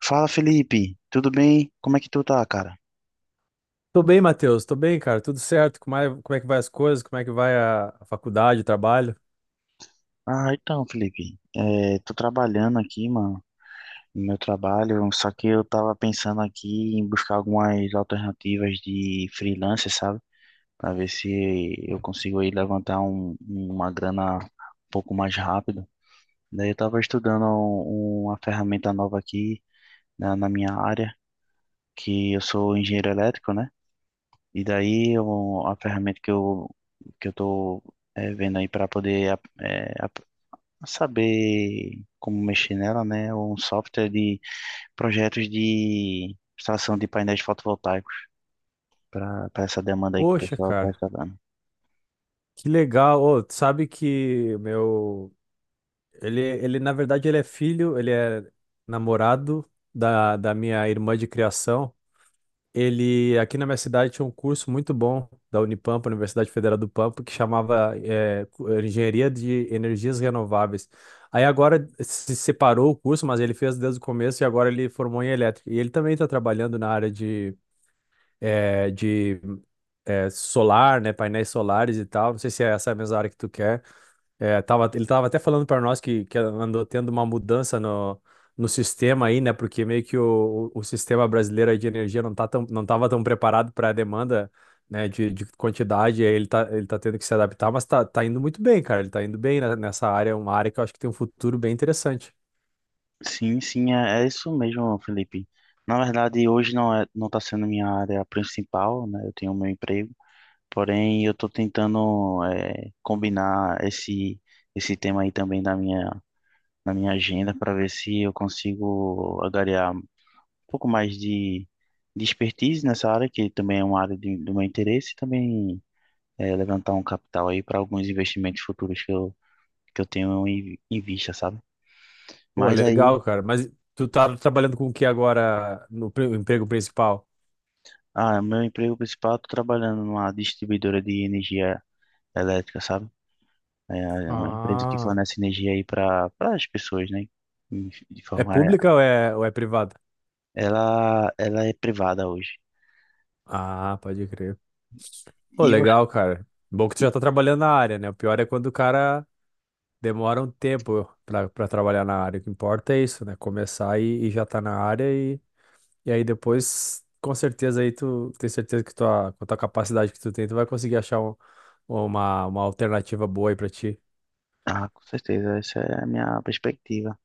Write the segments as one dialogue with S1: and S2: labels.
S1: Fala, Felipe. Tudo bem? Como é que tu tá, cara?
S2: Tô bem, Matheus. Tô bem, cara. Tudo certo? Como é que vai as coisas? Como é que vai a faculdade, o trabalho?
S1: Então, Felipe, tô trabalhando aqui, mano, no meu trabalho, só que eu tava pensando aqui em buscar algumas alternativas de freelancer, sabe? Pra ver se eu consigo aí levantar uma grana um pouco mais rápido. Daí eu tava estudando uma ferramenta nova aqui na minha área, que eu sou engenheiro elétrico, né? E daí a ferramenta que eu tô vendo aí para poder saber como mexer nela, né? É um software de projetos de extração de painéis fotovoltaicos para essa demanda aí que o
S2: Poxa,
S1: pessoal está
S2: cara,
S1: instalando.
S2: que legal. Ô, tu sabe que o meu. Ele, na verdade, ele é namorado da minha irmã de criação. Ele, aqui na minha cidade, tinha um curso muito bom da Unipampa, Universidade Federal do Pampa, que chamava Engenharia de Energias Renováveis. Aí agora se separou o curso, mas ele fez desde o começo e agora ele formou em elétrica. E ele também está trabalhando na área de solar, né, painéis solares e tal. Não sei se é essa a mesma área que tu quer. É, ele tava até falando para nós que andou tendo uma mudança no sistema aí, né? Porque meio que o sistema brasileiro aí de energia não tá tão, não tava tão preparado para a demanda, né, de quantidade, aí ele tá tendo que se adaptar, mas tá indo muito bem, cara. Ele tá indo bem nessa área, é uma área que eu acho que tem um futuro bem interessante.
S1: Sim, sim, é, é isso mesmo, Felipe. Na verdade, hoje não está sendo minha área principal, né? Eu tenho meu emprego, porém eu estou tentando combinar esse tema aí também da minha na minha agenda para ver se eu consigo agariar um pouco mais de expertise nessa área, que também é uma área de, do meu interesse, e também é, levantar um capital aí para alguns investimentos futuros que eu tenho em, em vista, sabe?
S2: Pô,
S1: Mas aí,
S2: legal, cara. Mas tu tá trabalhando com o que agora no emprego principal?
S1: ah, meu emprego principal, estou trabalhando numa distribuidora de energia elétrica, sabe? É é uma empresa que
S2: Ah,
S1: fornece energia aí para as pessoas, né? De
S2: é
S1: forma,
S2: pública ou ou é privada?
S1: ela é privada hoje.
S2: Ah, pode crer. Pô,
S1: E você?
S2: legal, cara. Bom que tu já tá trabalhando na área, né? O pior é quando o cara demora um tempo pra trabalhar na área. O que importa é isso, né? Começar e já tá na área e aí depois, com certeza aí tu tem certeza que com a tua capacidade que tu tem, tu vai conseguir achar uma alternativa boa aí pra ti.
S1: Ah, com certeza, essa é a minha perspectiva.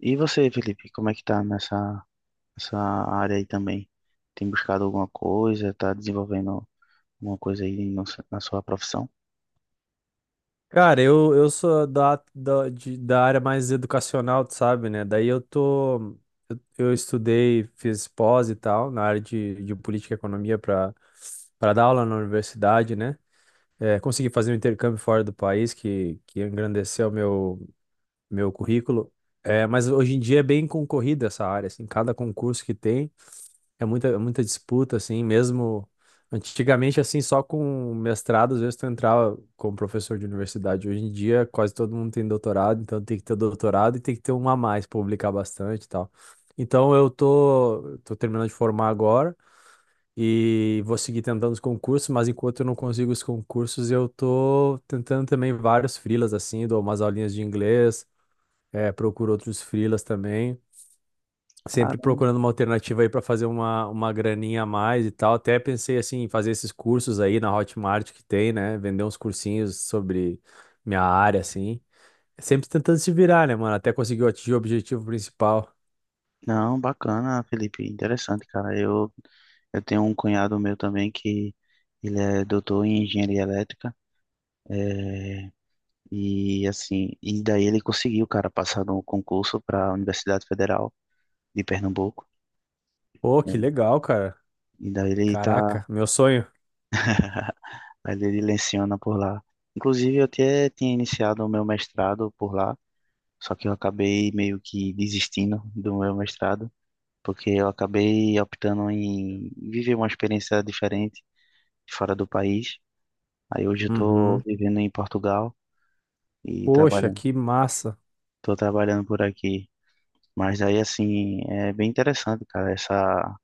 S1: E você, Felipe, como é que tá nessa área aí também? Tem buscado alguma coisa? Tá desenvolvendo alguma coisa aí na sua profissão?
S2: Cara, eu sou da área mais educacional, tu sabe, né? Daí eu tô. Eu estudei, fiz pós e tal, na área de política e economia para dar aula na universidade, né? É, consegui fazer um intercâmbio fora do país, que engrandeceu meu currículo. É, mas hoje em dia é bem concorrida essa área, assim, cada concurso que tem. É muita disputa, assim, mesmo antigamente, assim, só com mestrado, às vezes tu entrava como professor de universidade. Hoje em dia, quase todo mundo tem doutorado, então tem que ter doutorado e tem que ter um a mais, publicar bastante e tal. Então eu tô terminando de formar agora e vou seguir tentando os concursos, mas enquanto eu não consigo os concursos, eu tô tentando também vários freelas, assim, dou umas aulinhas de inglês, procuro outros freelas também sempre
S1: Caramba.
S2: procurando uma alternativa aí para fazer uma graninha a mais e tal. Até pensei assim, em fazer esses cursos aí na Hotmart que tem, né? Vender uns cursinhos sobre minha área, assim. Sempre tentando se virar, né, mano? Até conseguir atingir o objetivo principal.
S1: Não, bacana, Felipe, interessante, cara. Eu tenho um cunhado meu também que ele é doutor em engenharia elétrica, é, e assim, e daí ele conseguiu, cara, passar no concurso para a Universidade Federal de Pernambuco.
S2: Pô,
S1: É.
S2: que legal, cara.
S1: E daí ele tá,
S2: Caraca, meu sonho.
S1: mas ele leciona por lá. Inclusive, eu até tinha iniciado o meu mestrado por lá, só que eu acabei meio que desistindo do meu mestrado, porque eu acabei optando em viver uma experiência diferente fora do país. Aí hoje eu tô
S2: Uhum.
S1: vivendo em Portugal e
S2: Poxa,
S1: trabalhando.
S2: que massa.
S1: Tô trabalhando por aqui. Mas aí, assim, é bem interessante, cara, essa,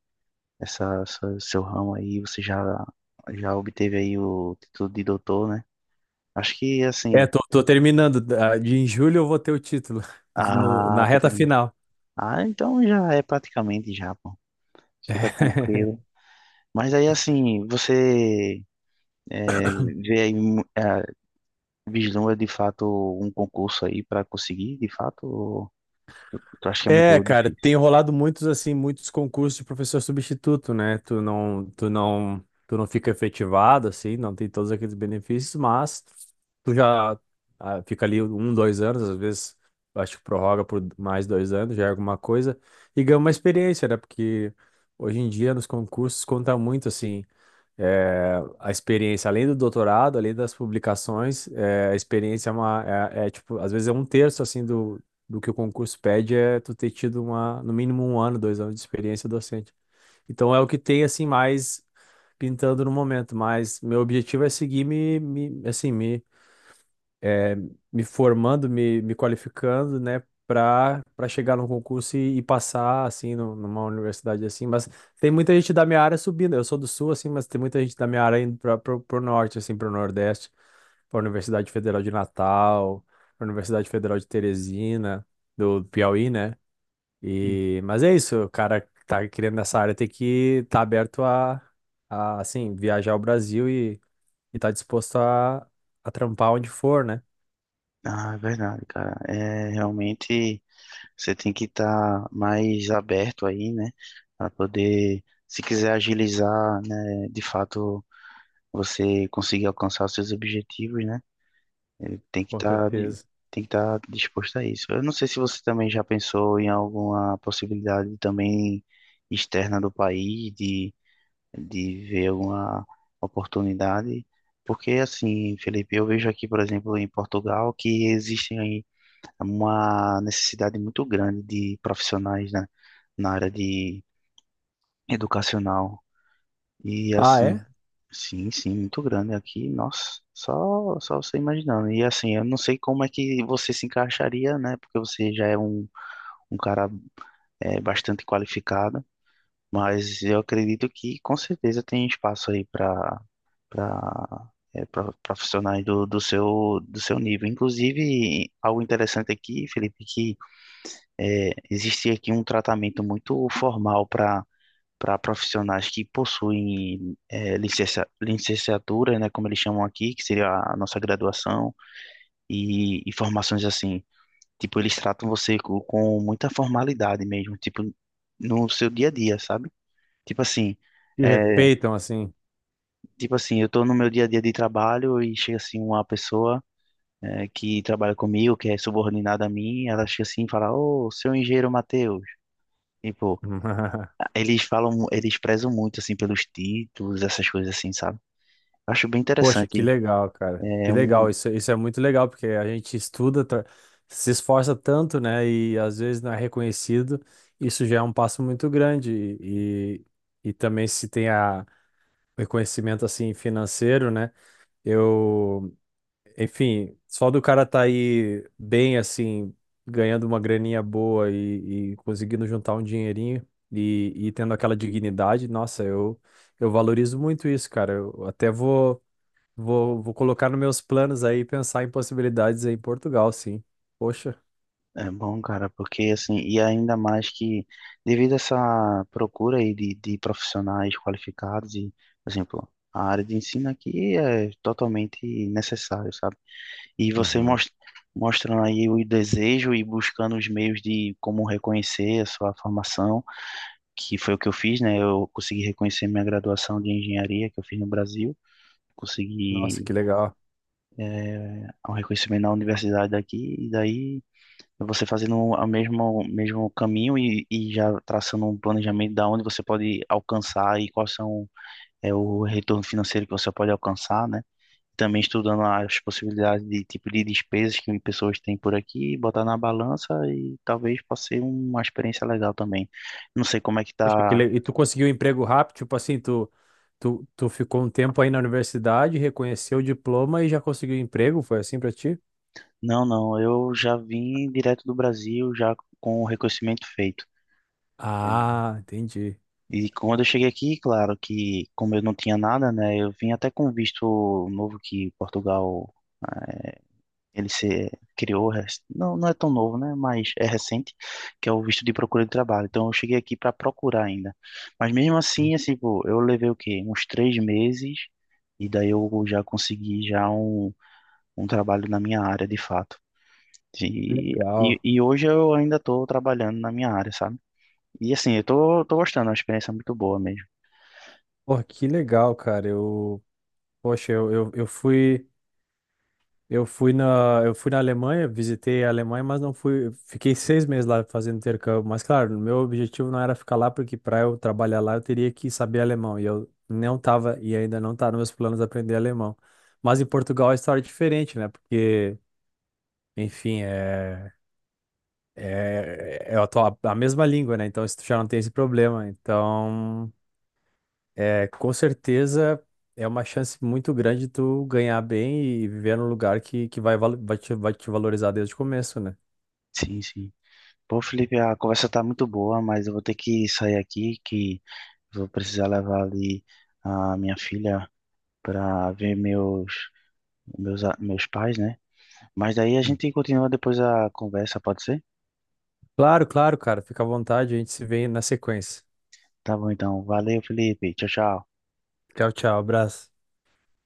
S1: essa, essa- seu ramo aí, já obteve aí o título de doutor, né? Acho que,
S2: É,
S1: assim,
S2: tô terminando. Da- De em julho eu vou ter o título,
S1: a,
S2: na reta final.
S1: ah, então já é praticamente já, pô. Fica tranquilo. Mas aí, assim, você é, vê aí, vislumbra de fato um concurso aí pra conseguir, de fato, ou tu acha que é
S2: É,
S1: muito
S2: cara,
S1: difícil?
S2: tem rolado muitos assim, muitos concursos de professor substituto, né? Tu não fica efetivado assim, não tem todos aqueles benefícios, mas tu já fica ali um, dois anos, às vezes eu acho que prorroga por mais 2 anos, já é alguma coisa e ganha uma experiência, né? Porque hoje em dia nos concursos conta muito assim. É, a experiência, além do doutorado, além das publicações, é, a experiência é, tipo, às vezes é um terço assim do que o concurso pede é tu ter tido uma, no mínimo um ano, 2 anos de experiência docente. Então é o que tem assim mais pintando no momento, mas meu objetivo é seguir me formando, me qualificando, né, para chegar num concurso e passar assim numa universidade assim, mas tem muita gente da minha área subindo. Eu sou do sul assim, mas tem muita gente da minha área indo para o norte assim, para o nordeste, para a Universidade Federal de Natal, para a Universidade Federal de Teresina, do Piauí, né?
S1: Hum.
S2: E mas é isso, o cara que tá querendo nessa área tem que estar aberto a viajar ao Brasil e tá disposto a trampar onde for, né?
S1: Ah, é verdade, cara. É, realmente você tem que estar mais aberto aí, né? Para poder, se quiser agilizar, né, de fato, você conseguir alcançar os seus objetivos, né? Ele
S2: Com certeza.
S1: tem que estar disposto a isso. Eu não sei se você também já pensou em alguma possibilidade também externa do país de ver alguma oportunidade, porque assim, Felipe, eu vejo aqui, por exemplo, em Portugal que existe aí uma necessidade muito grande de profissionais, né, na área de educacional. E
S2: Ah, é?
S1: assim, sim, sim, muito grande aqui, nossa, só você imaginando. E assim, eu não sei como é que você se encaixaria, né? Porque você já é um cara é, bastante qualificado, mas eu acredito que com certeza tem espaço aí para para profissionais do, do seu nível. Inclusive, algo interessante aqui, Felipe, que é, existe aqui um tratamento muito formal para profissionais que possuem licenciatura, né, como eles chamam aqui, que seria a nossa graduação, e formações assim. Tipo, eles tratam você com muita formalidade mesmo, tipo, no seu dia a dia, sabe? Tipo assim,
S2: Te
S1: eh,
S2: respeitam assim.
S1: tipo assim, eu tô no meu dia a dia de trabalho e chega assim uma pessoa que trabalha comigo, que é subordinada a mim, ela chega assim e fala, ô, seu engenheiro Matheus. Tipo, eles falam, eles prezam muito assim pelos títulos, essas coisas assim, sabe? Acho bem
S2: Poxa, que
S1: interessante.
S2: legal, cara. Que
S1: É
S2: legal.
S1: um
S2: Isso é muito legal, porque a gente estuda, se esforça tanto, né? E às vezes não é reconhecido. Isso já é um passo muito grande. E, e também se tem o reconhecimento assim financeiro, né? Eu. Enfim, só do cara tá aí bem assim, ganhando uma graninha boa e conseguindo juntar um dinheirinho e tendo aquela dignidade, nossa, eu valorizo muito isso, cara. Eu até vou colocar nos meus planos aí pensar em possibilidades aí em Portugal, sim. Poxa.
S1: é bom, cara, porque assim, e ainda mais que devido a essa procura aí de profissionais qualificados e, por exemplo, a área de ensino aqui é totalmente necessário, sabe? E você
S2: Uhum.
S1: mostrando aí o desejo e buscando os meios de como reconhecer a sua formação, que foi o que eu fiz, né? Eu consegui reconhecer minha graduação de engenharia que eu fiz no Brasil,
S2: Nossa,
S1: consegui
S2: que legal.
S1: é, um reconhecimento na universidade daqui, e daí você fazendo o mesmo, mesmo caminho e já traçando um planejamento da onde você pode alcançar e quais são é, o retorno financeiro que você pode alcançar, né? Também estudando as possibilidades de tipo de despesas que pessoas têm por aqui, botar na balança e talvez possa ser uma experiência legal também. Não sei como é que tá.
S2: E tu conseguiu um emprego rápido, tipo assim, tu ficou um tempo aí na universidade, reconheceu o diploma e já conseguiu um emprego? Foi assim pra ti?
S1: Não, não, eu já vim direto do Brasil já com o reconhecimento feito. É,
S2: Ah, entendi.
S1: e quando eu cheguei aqui, claro que como eu não tinha nada, né, eu vim até com um visto novo que Portugal ah, ele se criou, não, não é tão novo, né, mas é recente, que é o visto de procura de trabalho. Então eu cheguei aqui para procurar ainda. Mas mesmo assim, assim, pô, eu levei o quê? Uns 3 meses e daí eu já consegui um trabalho na minha área de fato.
S2: Legal.
S1: E hoje eu ainda estou trabalhando na minha área, sabe? E assim, eu tô, tô gostando, é uma experiência muito boa mesmo.
S2: Porra, que legal, cara. Poxa, eu fui na Alemanha, visitei a Alemanha, mas não fui, fiquei 6 meses lá fazendo intercâmbio. Mas claro, o meu objetivo não era ficar lá, porque para eu trabalhar lá eu teria que saber alemão. E eu não tava, e ainda não tá nos meus planos aprender alemão. Mas em Portugal a história é diferente, né? Porque, enfim, é a mesma língua, né? Então isso já não tem esse problema. Então com certeza é uma chance muito grande tu ganhar bem e viver num lugar que vai te valorizar desde o começo, né?
S1: Sim, sim. Pô, Felipe, a conversa tá muito boa, mas eu vou ter que sair aqui, que vou precisar levar ali a minha filha para ver meus, meus pais, né? Mas daí a
S2: Hum.
S1: gente continua depois a conversa, pode ser?
S2: Claro, claro, cara. Fica à vontade, a gente se vê na sequência.
S1: Tá bom, então. Valeu, Felipe. Tchau, tchau.
S2: Tchau, tchau, abraço.